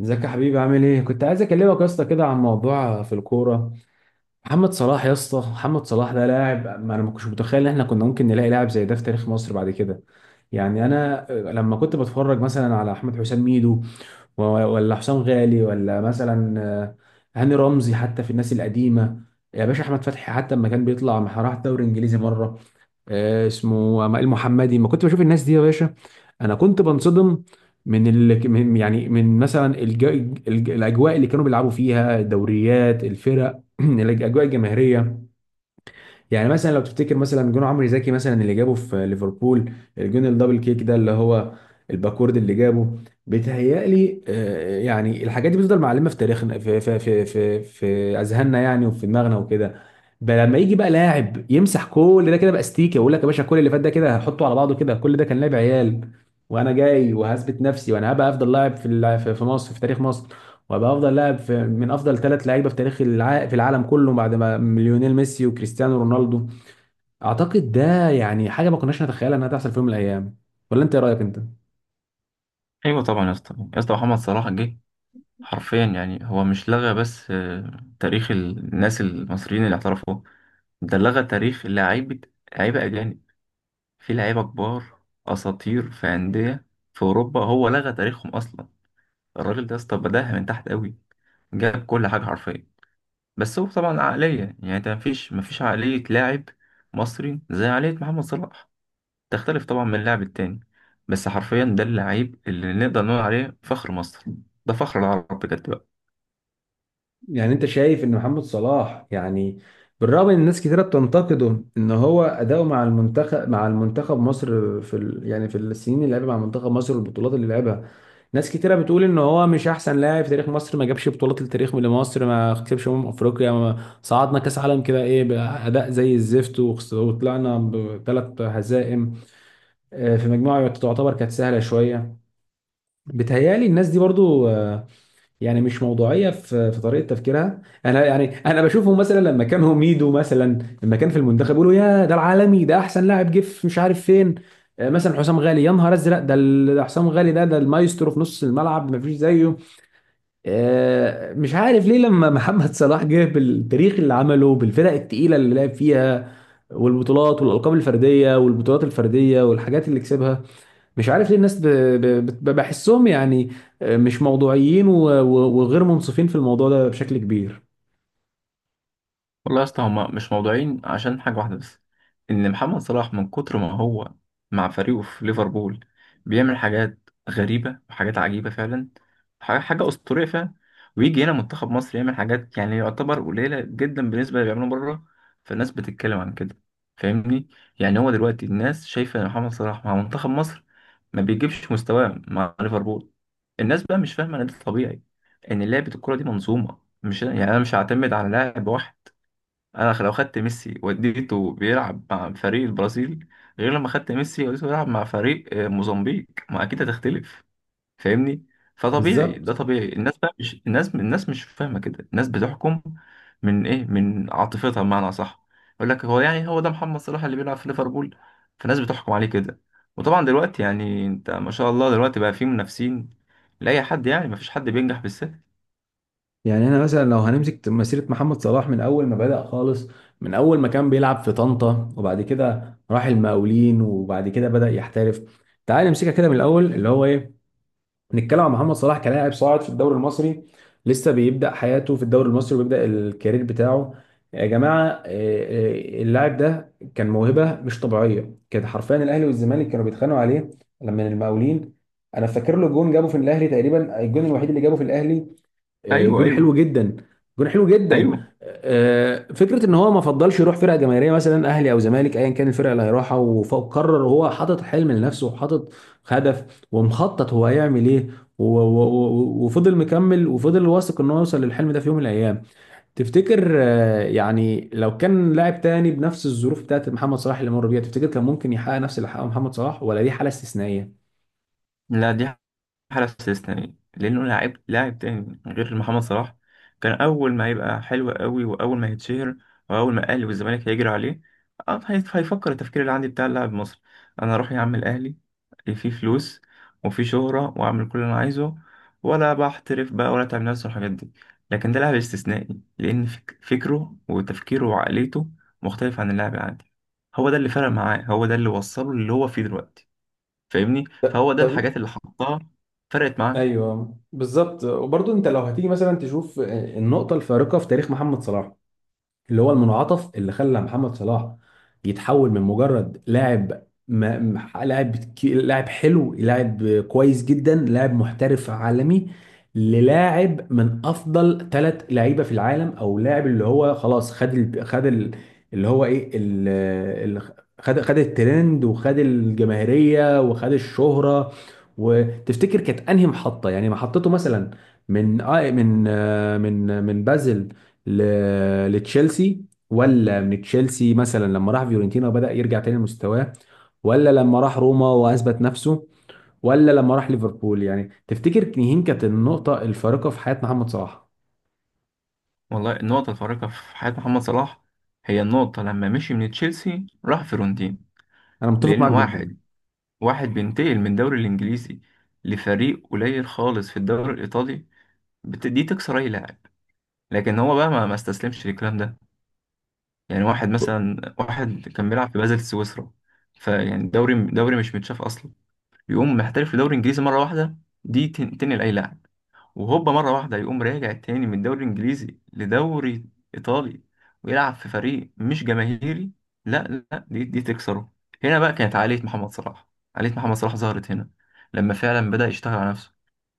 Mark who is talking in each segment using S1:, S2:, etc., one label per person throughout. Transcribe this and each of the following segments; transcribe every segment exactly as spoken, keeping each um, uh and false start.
S1: ازيك يا حبيبي؟ عامل ايه؟ كنت عايز اكلمك يا اسطى كده عن موضوع في الكوره. محمد صلاح يا اسطى، محمد صلاح ده لاعب، ما انا ما كنتش متخيل ان احنا كنا ممكن نلاقي لاعب زي ده في تاريخ مصر بعد كده. يعني انا لما كنت بتفرج مثلا على احمد حسام ميدو و- ولا حسام غالي ولا مثلا آه، هاني رمزي، حتى في الناس القديمه، يا باشا احمد فتحي، حتى لما كان بيطلع مع- راح دوري انجليزي مره. آه، اسمه المحمدي، ما كنت بشوف الناس دي يا باشا. انا كنت بنصدم من ال... من يعني من مثلا الج... الج... الاجواء اللي كانوا بيلعبوا فيها الدوريات، الفرق، الاجواء الجماهيريه. يعني مثلا لو تفتكر مثلا جون عمرو زكي مثلا اللي جابه في ليفربول، الجون الدبل كيك ده اللي هو الباكورد اللي جابه. بيتهيألي آه، يعني الحاجات دي بتفضل معلمة في تاريخنا، في في في في, في أذهاننا يعني، وفي دماغنا وكده. بقى لما يجي بقى لاعب يمسح كل ده كده باستيكه، يقول لك يا باشا كل اللي فات ده كده هحطه على بعضه كده، كل ده كان لعب عيال، وانا جاي وهثبت نفسي، وانا هبقى افضل لاعب في الع- في في مصر، في تاريخ مصر، وابقى افضل لاعب، في من افضل ثلاث لعيبه في تاريخ الع... في العالم كله بعد ما ليونيل ميسي وكريستيانو رونالدو. اعتقد ده يعني حاجه ما كناش نتخيلها انها تحصل في يوم من الايام. ولا انت ايه رايك انت؟
S2: ايوه طبعا يا اسطى يا اسطى، محمد صلاح جه حرفيا. يعني هو مش لغى بس آه، تاريخ الناس المصريين اللي اعترفوا. ده لغى تاريخ لعيبه، لعيبه اجانب، في لعيبه كبار، اساطير في انديه في اوروبا. هو لغى تاريخهم اصلا. الراجل ده يا اسطى بداها من تحت قوي، جاب كل حاجه حرفيا. بس هو طبعا عقليه، يعني انت مفيش مفيش عقليه لاعب مصري زي عقليه محمد صلاح، تختلف طبعا من اللاعب التاني. بس حرفيا ده اللعيب اللي نقدر نقول عليه فخر مصر، ده فخر العرب بجد بقى.
S1: يعني انت شايف ان محمد صلاح يعني، بالرغم ان الناس كتيره بتنتقده ان هو اداؤه مع المنتخب، مع المنتخب مصر في ال... يعني في السنين اللي لعبها مع منتخب مصر، والبطولات اللي لعبها. ناس كتيره بتقول ان هو مش احسن لاعب في تاريخ مصر، ما جابش بطولات لتاريخ لمصر، ما كسبش امم افريقيا، ما صعدنا كاس عالم كده، ايه، باداء زي الزفت، وخس- وطلعنا بثلاث هزائم آه، في مجموعه تعتبر كانت سهله شويه. بتهيالي الناس دي برضو آه، يعني مش موضوعيه في في طريقه تفكيرها. انا يعني انا بشوفهم مثلا لما كان ميدو مثلا، لما كان في المنتخب، يقولوا يا ده العالمي، ده احسن لاعب جه في مش عارف فين. آه، مثلا حسام غالي، يا نهار ازرق، ده ال- ده حسام غالي، ده ده المايسترو في نص الملعب، ما فيش زيه. آه، مش عارف ليه لما محمد صلاح جه بالتاريخ اللي عمله بالفرق التقيله اللي لعب فيها، والبطولات والالقاب الفرديه، والبطولات الفرديه، والحاجات اللي كسبها، مش عارف ليه الناس ب... ب... بت- بحسهم يعني آه، مش موضوعيين و... و... وغير منصفين في الموضوع ده بشكل كبير.
S2: والله يا اسطى هما مش موضوعين عشان حاجة واحدة بس، إن محمد صلاح من كتر ما هو مع فريقه في ليفربول بيعمل حاجات غريبة وحاجات عجيبة فعلا، حاجة حاجة أسطورية فعلا. ويجي هنا منتخب مصر يعمل حاجات يعني يعتبر قليلة جدا بالنسبة اللي بيعملوا بره. فالناس بتتكلم عن كده، فاهمني؟ يعني هو دلوقتي الناس شايفة إن محمد صلاح مع منتخب مصر ما بيجيبش مستواه مع ليفربول. الناس بقى مش فاهمة إن ده طبيعي، إن لعبة الكرة دي منظومة، مش يعني أنا مش هعتمد على لاعب واحد. انا لو خدت ميسي وديته بيلعب مع فريق البرازيل، غير لما خدت ميسي وديته بيلعب مع فريق آه، موزمبيق، ما اكيد هتختلف. فاهمني؟ فطبيعي، ده
S1: بالظبط.
S2: طبيعي. الناس بقى مش الناس الناس مش فاهمه كده، الناس بتحكم من ايه، من عاطفتها، بمعنى صح. يقول لك هو، يعني هو ده محمد صلاح اللي بيلعب في ليفربول، فالناس بتحكم عليه كده. وطبعا دلوقتي يعني انت ما شاء الله دلوقتي بقى في منافسين لاي حد، يعني ما فيش حد بينجح بالسهل.
S1: يعني انا مثلا لو هنمسك مسيره محمد صلاح من اول ما بدأ خالص، من اول ما كان بيلعب في طنطا، وبعد كده راح المقاولين، وبعد كده بدأ يحترف. تعال نمسكها كده من الاول، اللي هو ايه، نتكلم عن محمد صلاح كلاعب صاعد في الدوري المصري، لسه بيبدأ حياته في الدوري المصري، وبيبدأ الكارير بتاعه. يا جماعة إيه، اللاعب ده كان موهبة مش طبيعية، كان حرفيا الأهلي والزمالك كانوا بيتخانقوا عليه لما المقاولين. أنا فاكر له جون جابه في الأهلي تقريبا، الجون الوحيد اللي جابه في الأهلي. آه،
S2: ايوه
S1: جون حلو
S2: ايوه
S1: جدا. جون حلو جدا.
S2: ايوه.
S1: آه، فكره ان هو ما فضلش يروح فرقه جماهيريه مثلا اهلي او زمالك، ايا كان الفرقه اللي هيروحها. وف- وقرر هو، حاطط حلم لنفسه، وحاطط هدف، ومخطط هو هيعمل ايه، و- و- و- وفضل مكمل، وفضل واثق ان هو يوصل للحلم ده في يوم من الايام. تفتكر آه، يعني لو كان لاعب تاني بنفس الظروف بتاعت محمد صلاح اللي مر بيها، تفتكر كان ممكن يحقق نفس اللي حققه محمد صلاح، ولا دي حاله استثنائيه؟
S2: لا، دي على استثنائي، لأنه لاعب، لاعب تاني غير محمد صلاح كان أول ما يبقى حلو قوي وأول ما يتشهر وأول ما الأهلي والزمالك هيجري عليه، آه، هي- هيفكر التفكير اللي عندي بتاع اللاعب مصر، أنا أروح يا عم الأهلي، فيه فلوس وفيه شهرة وأعمل كل اللي أنا عايزه، ولا بحترف بقى ولا تعمل نفس الحاجات دي. لكن ده لاعب استثنائي لأن فك- فكره وتفكيره وعقليته مختلف عن اللاعب العادي. هو ده اللي فرق معاه، هو ده اللي وصله اللي هو فيه دلوقتي. فاهمني؟ فهو ده
S1: طب.
S2: الحاجات اللي حطها فرقت معاه.
S1: ايوه بالظبط. وبرضه انت لو هتيجي مثلا تشوف النقطه الفارقه في تاريخ محمد صلاح، اللي هو المنعطف اللي خلى محمد صلاح يتحول من مجرد لاعب، ما م- لاعب كي- لاعب حلو، لاعب كويس جدا، لاعب محترف عالمي، للاعب من افضل ثلاث لعيبه في العالم، او لاعب اللي هو خلاص خد ال... خد ال... اللي هو ايه ال... ال... خد خد الترند، وخد الجماهيريه، وخد الشهره. وتفتكر كانت انهي محطه، يعني محطته مثلا، من آه، من آه، من من بازل ل- لتشيلسي، ولا من تشيلسي مثلا لما راح فيورنتينا وبدأ يرجع تاني لمستواه، ولا لما راح روما وأثبت نفسه، ولا لما راح ليفربول؟ يعني تفتكر مين كانت النقطة الفارقة في حياة محمد صلاح؟
S2: والله النقطة الفارقة في حياة محمد صلاح هي النقطة لما مشي من تشيلسي راح فيرونتين.
S1: أنا متفق
S2: لأن
S1: معاك جدا.
S2: واحد، واحد بينتقل من الدوري الإنجليزي لفريق قليل خالص في الدوري الإيطالي، بت- دي تكسر أي لاعب. لكن هو بقى ما ما استسلمش للكلام ده. يعني واحد مثلا، واحد كان بيلعب في بازل سويسرا، فيعني دوري دوري مش متشاف أصلا، يقوم محترف في دوري إنجليزي مرة واحدة، دي تن- تنقل أي لاعب. وهوبا مرة واحدة يقوم راجع تاني من الدوري الإنجليزي لدوري إيطالي، ويلعب في فريق مش جماهيري، لا لا، دي, دي تكسره. هنا بقى كانت عالية محمد صلاح، عالية محمد صلاح ظهرت هنا، لما فعلا بدأ يشتغل على نفسه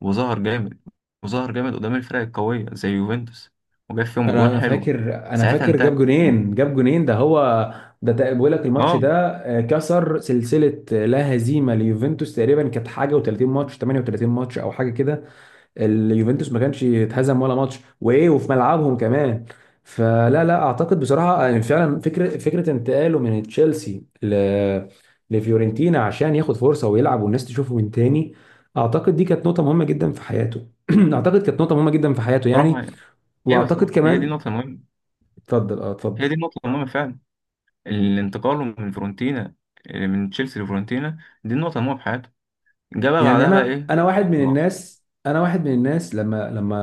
S2: وظهر جامد، وظهر جامد قدام الفرق القوية زي يوفنتوس، وجاب فيهم أجوان
S1: انا
S2: حلوة،
S1: فاكر، انا
S2: ساعتها
S1: فاكر جاب
S2: انتهت.
S1: جونين، جاب جونين ده هو. ده تق- بيقول لك الماتش
S2: اه،
S1: ده آه، كسر سلسله، آه، لا هزيمه ليوفنتوس تقريبا، كانت حاجه و تلاتين ماتش، تمنية وتلاتين ماتش او حاجه كده. اليوفنتوس ما كانش اتهزم ولا ماتش، وايه، وفي ملعبهم كمان. فلا لا اعتقد بصراحه، يعني فعلا فكره، فكره انتقاله من تشيلسي ل لفيورنتينا عشان ياخد فرصه ويلعب والناس تشوفه من تاني، اعتقد دي كانت نقطه مهمه جدا في حياته. اعتقد كانت نقطه مهمه جدا في حياته
S2: صراحة
S1: يعني.
S2: يعني. ايوه
S1: واعتقد
S2: صراحة هي دي
S1: كمان.
S2: النقطة المهمة،
S1: اتفضل، اه اتفضل.
S2: هي دي النقطة المهمة فعلا. الانتقال من فرونتينا، من تشيلسي لفرونتينا، دي النقطة المهمة في حياته. جابها
S1: يعني
S2: بعدها بقى
S1: انا،
S2: ايه؟
S1: انا واحد من
S2: صلاح،
S1: الناس انا واحد من الناس، لما لما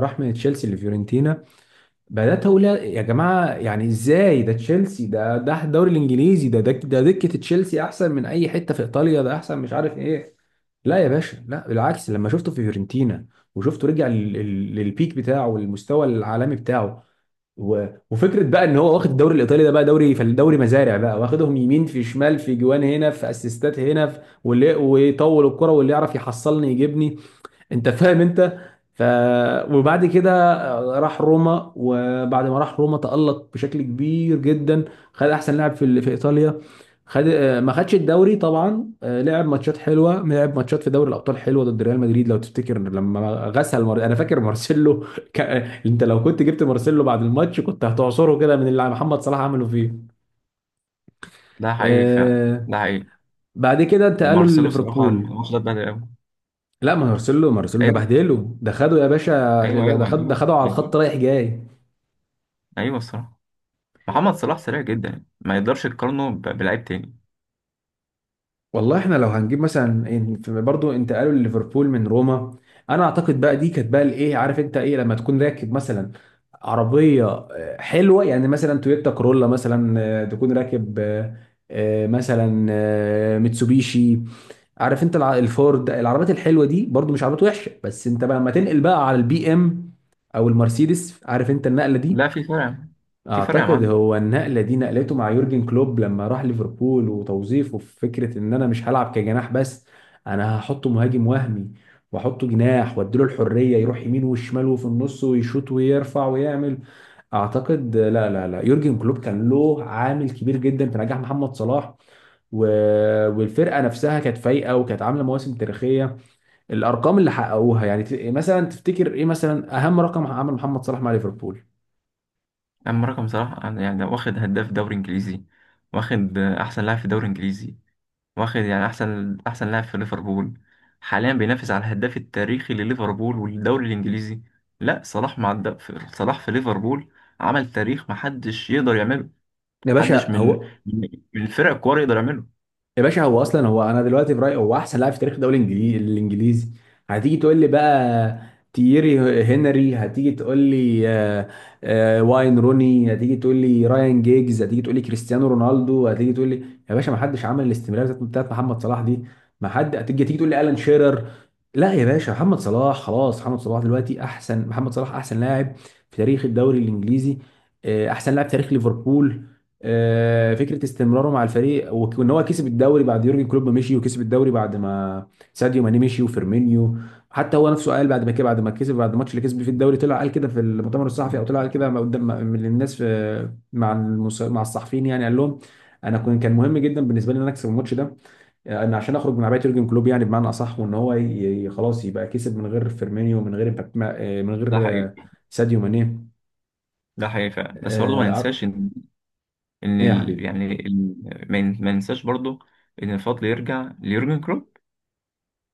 S1: راح من تشيلسي لفيورنتينا، بدات اقول يا جماعه، يعني ازاي ده تشيلسي، ده ده الدوري الانجليزي، ده ده ده دكه تشيلسي احسن من اي حته في ايطاليا، ده احسن مش عارف ايه. لا يا باشا، لا بالعكس، لما شفته في فيورنتينا وشفته رجع لل- لل- للبيك بتاعه، والمستوى العالمي بتاعه، و... وفكره بقى ان هو واخد الدوري الايطالي ده بقى دوري، فالدوري مزارع بقى، واخدهم يمين في شمال، في جوان هنا، في اسيستات هنا، في... واللي ويطول الكرة، واللي يعرف يحصلني يجيبني. انت فاهم انت. ف وبعد كده راح روما، وبعد ما راح روما تألق بشكل كبير جدا، خد احسن لاعب في ال- في ايطاليا، خد آه، ما خدش الدوري طبعا. آه، لعب ماتشات حلوه، لعب ماتشات في دوري الابطال حلوه ضد ريال مدريد، لو تفتكر لما غسل مار... انا فاكر مارسيلو. ك... انت لو كنت جبت مارسيلو بعد الماتش كنت هتعصره كده من اللي محمد صلاح عمله فيه.
S2: ده حقيقي فعلا،
S1: آه،
S2: ده حقيقي.
S1: بعد كده انتقلوا
S2: مارسيلو صراحة
S1: لليفربول.
S2: واخد بدري قوي.
S1: لا، ما مارسيلو، مارسيلو ده
S2: ايوه
S1: بهدله، ده خده يا باشا،
S2: ايوه
S1: ده ده
S2: ايوه
S1: خد ده
S2: ايوه
S1: خده على
S2: ايوه.
S1: الخط رايح جاي.
S2: ايوه الصراحة، محمد صلاح سريع جدا، ما يقدرش يقارنه ب- بلعيب تاني.
S1: والله احنا لو هنجيب مثلا إن- في- برضو انتقالوا لليفربول من روما، انا اعتقد بقى دي كانت بقى الايه، عارف انت ايه لما تكون راكب مثلا عربيه آه، حلوه يعني مثلا تويوتا كورولا مثلا، آه، تكون راكب، آه، آه، مثلا آه، ميتسوبيشي، عارف انت الع- الفورد، العربيات الحلوه دي برضو مش عربيات وحشه، بس انت بقى لما تنقل بقى على البي ام او المرسيدس، عارف انت النقله
S2: لا،
S1: دي.
S2: في فرق يا معلم. في فرق يا
S1: اعتقد
S2: معلم.
S1: هو النقله دي نقلته مع يورجن كلوب لما راح ليفربول، وتوظيفه في فكره ان انا مش هلعب كجناح بس، انا هحطه مهاجم وهمي، واحطه جناح، واديله الحريه يروح يمين وشمال وفي النص ويشوط ويرفع ويعمل. اعتقد لا لا لا يورجن كلوب كان له عامل كبير جدا في نجاح محمد صلاح، و... والفرقه نفسها كانت فايقه، وكانت عامله مواسم تاريخيه. الارقام اللي حققوها يعني، ت- مثلا تفتكر ايه مثلا اهم رقم عمل محمد صلاح مع ليفربول؟
S2: اما رقم صلاح، يعني ده واخد هداف دوري انجليزي، واخد احسن لاعب في الدوري الانجليزي، واخد يعني احسن احسن لاعب في ليفربول، حاليا بينافس على الهداف التاريخي لليفربول والدوري الانجليزي. لا، صلاح مع الد... في- صلاح في ليفربول عمل تاريخ محدش يقدر يعمله،
S1: يا
S2: محدش
S1: باشا
S2: من
S1: هو
S2: من من الفرق الكبار يقدر يعمله.
S1: يا باشا هو اصلا، هو انا دلوقتي في رايي هو احسن لاعب في تاريخ الدوري الانجليزي، الانجليزي. هتيجي تقول لي بقى تييري هنري، هتيجي تقول لي، آه، آه، واين روني، هتيجي تقول لي رايان جيجز، هتيجي تقول لي كريستيانو رونالدو، هتيجي تقول لي، يا باشا ما حدش عمل الاستمراريه بتاعت بتاعت محمد صلاح دي. ما حد، هتيجي تيجي تقول لي الان شيرر، لا يا باشا، محمد صلاح خلاص، محمد صلاح دلوقتي احسن، محمد صلاح احسن لاعب في تاريخ الدوري الانجليزي، آه، احسن لاعب في تاريخ ليفربول. آه، فكره استمراره مع الفريق، وك- وان هو كسب الدوري بعد يورجن كلوب ما مشي، وكسب الدوري بعد ما ساديو ماني مشي وفيرمينيو. حتى هو نفسه قال بعد ما كده، بعد ما كسب، بعد الماتش اللي كسب فيه الدوري، طلع قال كده في المؤتمر الصحفي، او طلع قال كده ما قدام ما- من الناس، في مع المس... مع الصحفيين يعني، قال لهم انا كنت، كان مهم جدا بالنسبه لي ان انا اكسب الماتش ده، آه، ان عشان اخرج من عبايه يورجن كلوب يعني بمعنى اصح، وان هو ي... ي- خلاص يبقى كسب من غير فيرمينيو، من غير مبابي- آه، من غير
S2: ده
S1: آه،
S2: حقيقي،
S1: ساديو ماني.
S2: ده حقيقي فعلا. بس برضه ما
S1: آه،
S2: ننساش ان، ان
S1: إيه يا
S2: ال...
S1: حبيبي.
S2: يعني ال... ما ن- ما ننساش برضه ان الفضل يرجع ليورجن كلوب.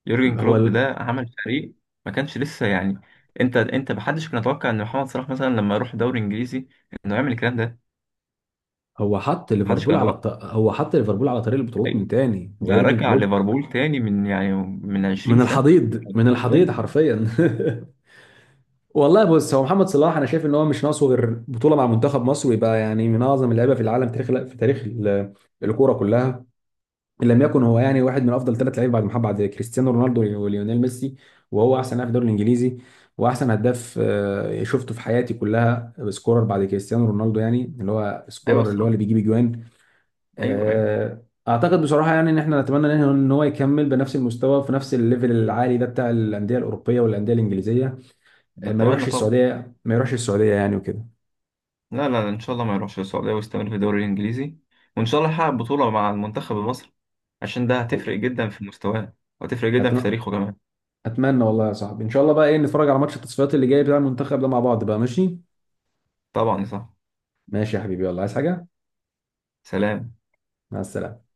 S2: يورجن
S1: هو
S2: كلوب ده عمل فريق، ما كانش لسه يعني. انت انت محدش كان يتوقع ان محمد صلاح مثلا لما يروح دوري انجليزي انه يعمل الكلام ده.
S1: هو حط
S2: محدش
S1: ليفربول
S2: كان
S1: على
S2: يتوقع.
S1: الط... هو حط ليفربول على طريق البطولات
S2: ايوه،
S1: من تاني، هو
S2: ده
S1: يورجن
S2: رجع
S1: كلوب،
S2: ليفربول تاني من يعني من 20
S1: من
S2: سنة
S1: الحضيض، من الحضيض
S2: قدام.
S1: حرفيا. والله بص، هو محمد صلاح انا شايف ان هو مش ناقصه غير بطوله مع منتخب مصر، ويبقى يعني من اعظم اللعيبه في العالم، تاريخ في تاريخ ال- الكوره كلها، ان لم يكن هو يعني واحد من افضل ثلاث لعيبه بعد محمد، بعد كريستيانو رونالدو وليونيل ميسي. وهو احسن لاعب في الدوري الانجليزي، واحسن هداف آه، شفته في حياتي كلها سكورر بعد كريستيانو رونالدو، يعني اللي هو
S2: ايوه
S1: سكورر اللي هو
S2: الصراحة.
S1: اللي بيجيب اجوان.
S2: ايوه ايوه.
S1: آه، اعتقد بصراحه يعني ان احنا نتمنى ان إن هو يكمل بنفس المستوى، في نفس الليفل العالي ده، بتاع الانديه الاوروبيه والانديه الانجليزيه. آه، ما
S2: نتمنى
S1: يروحش
S2: طبعا.
S1: السعوديه، ما يروحش السعوديه يعني وكده.
S2: لا لا، ان شاء الله ما يروحش السعودية ويستمر في الدوري الانجليزي، وان شاء الله يحقق بطولة مع المنتخب المصري، عشان ده هتفرق جدا في مستواه، وهتفرق جدا في
S1: أتم-
S2: تاريخه كمان.
S1: اتمنى والله يا صاحبي ان شاء الله بقى ايه، نتفرج على ماتش التصفيات اللي جاي بتاع المنتخب ده مع بعض بقى، ماشي؟
S2: طبعا صح.
S1: ماشي يا حبيبي، يلا، عايز حاجه؟
S2: سلام.
S1: مع السلامه.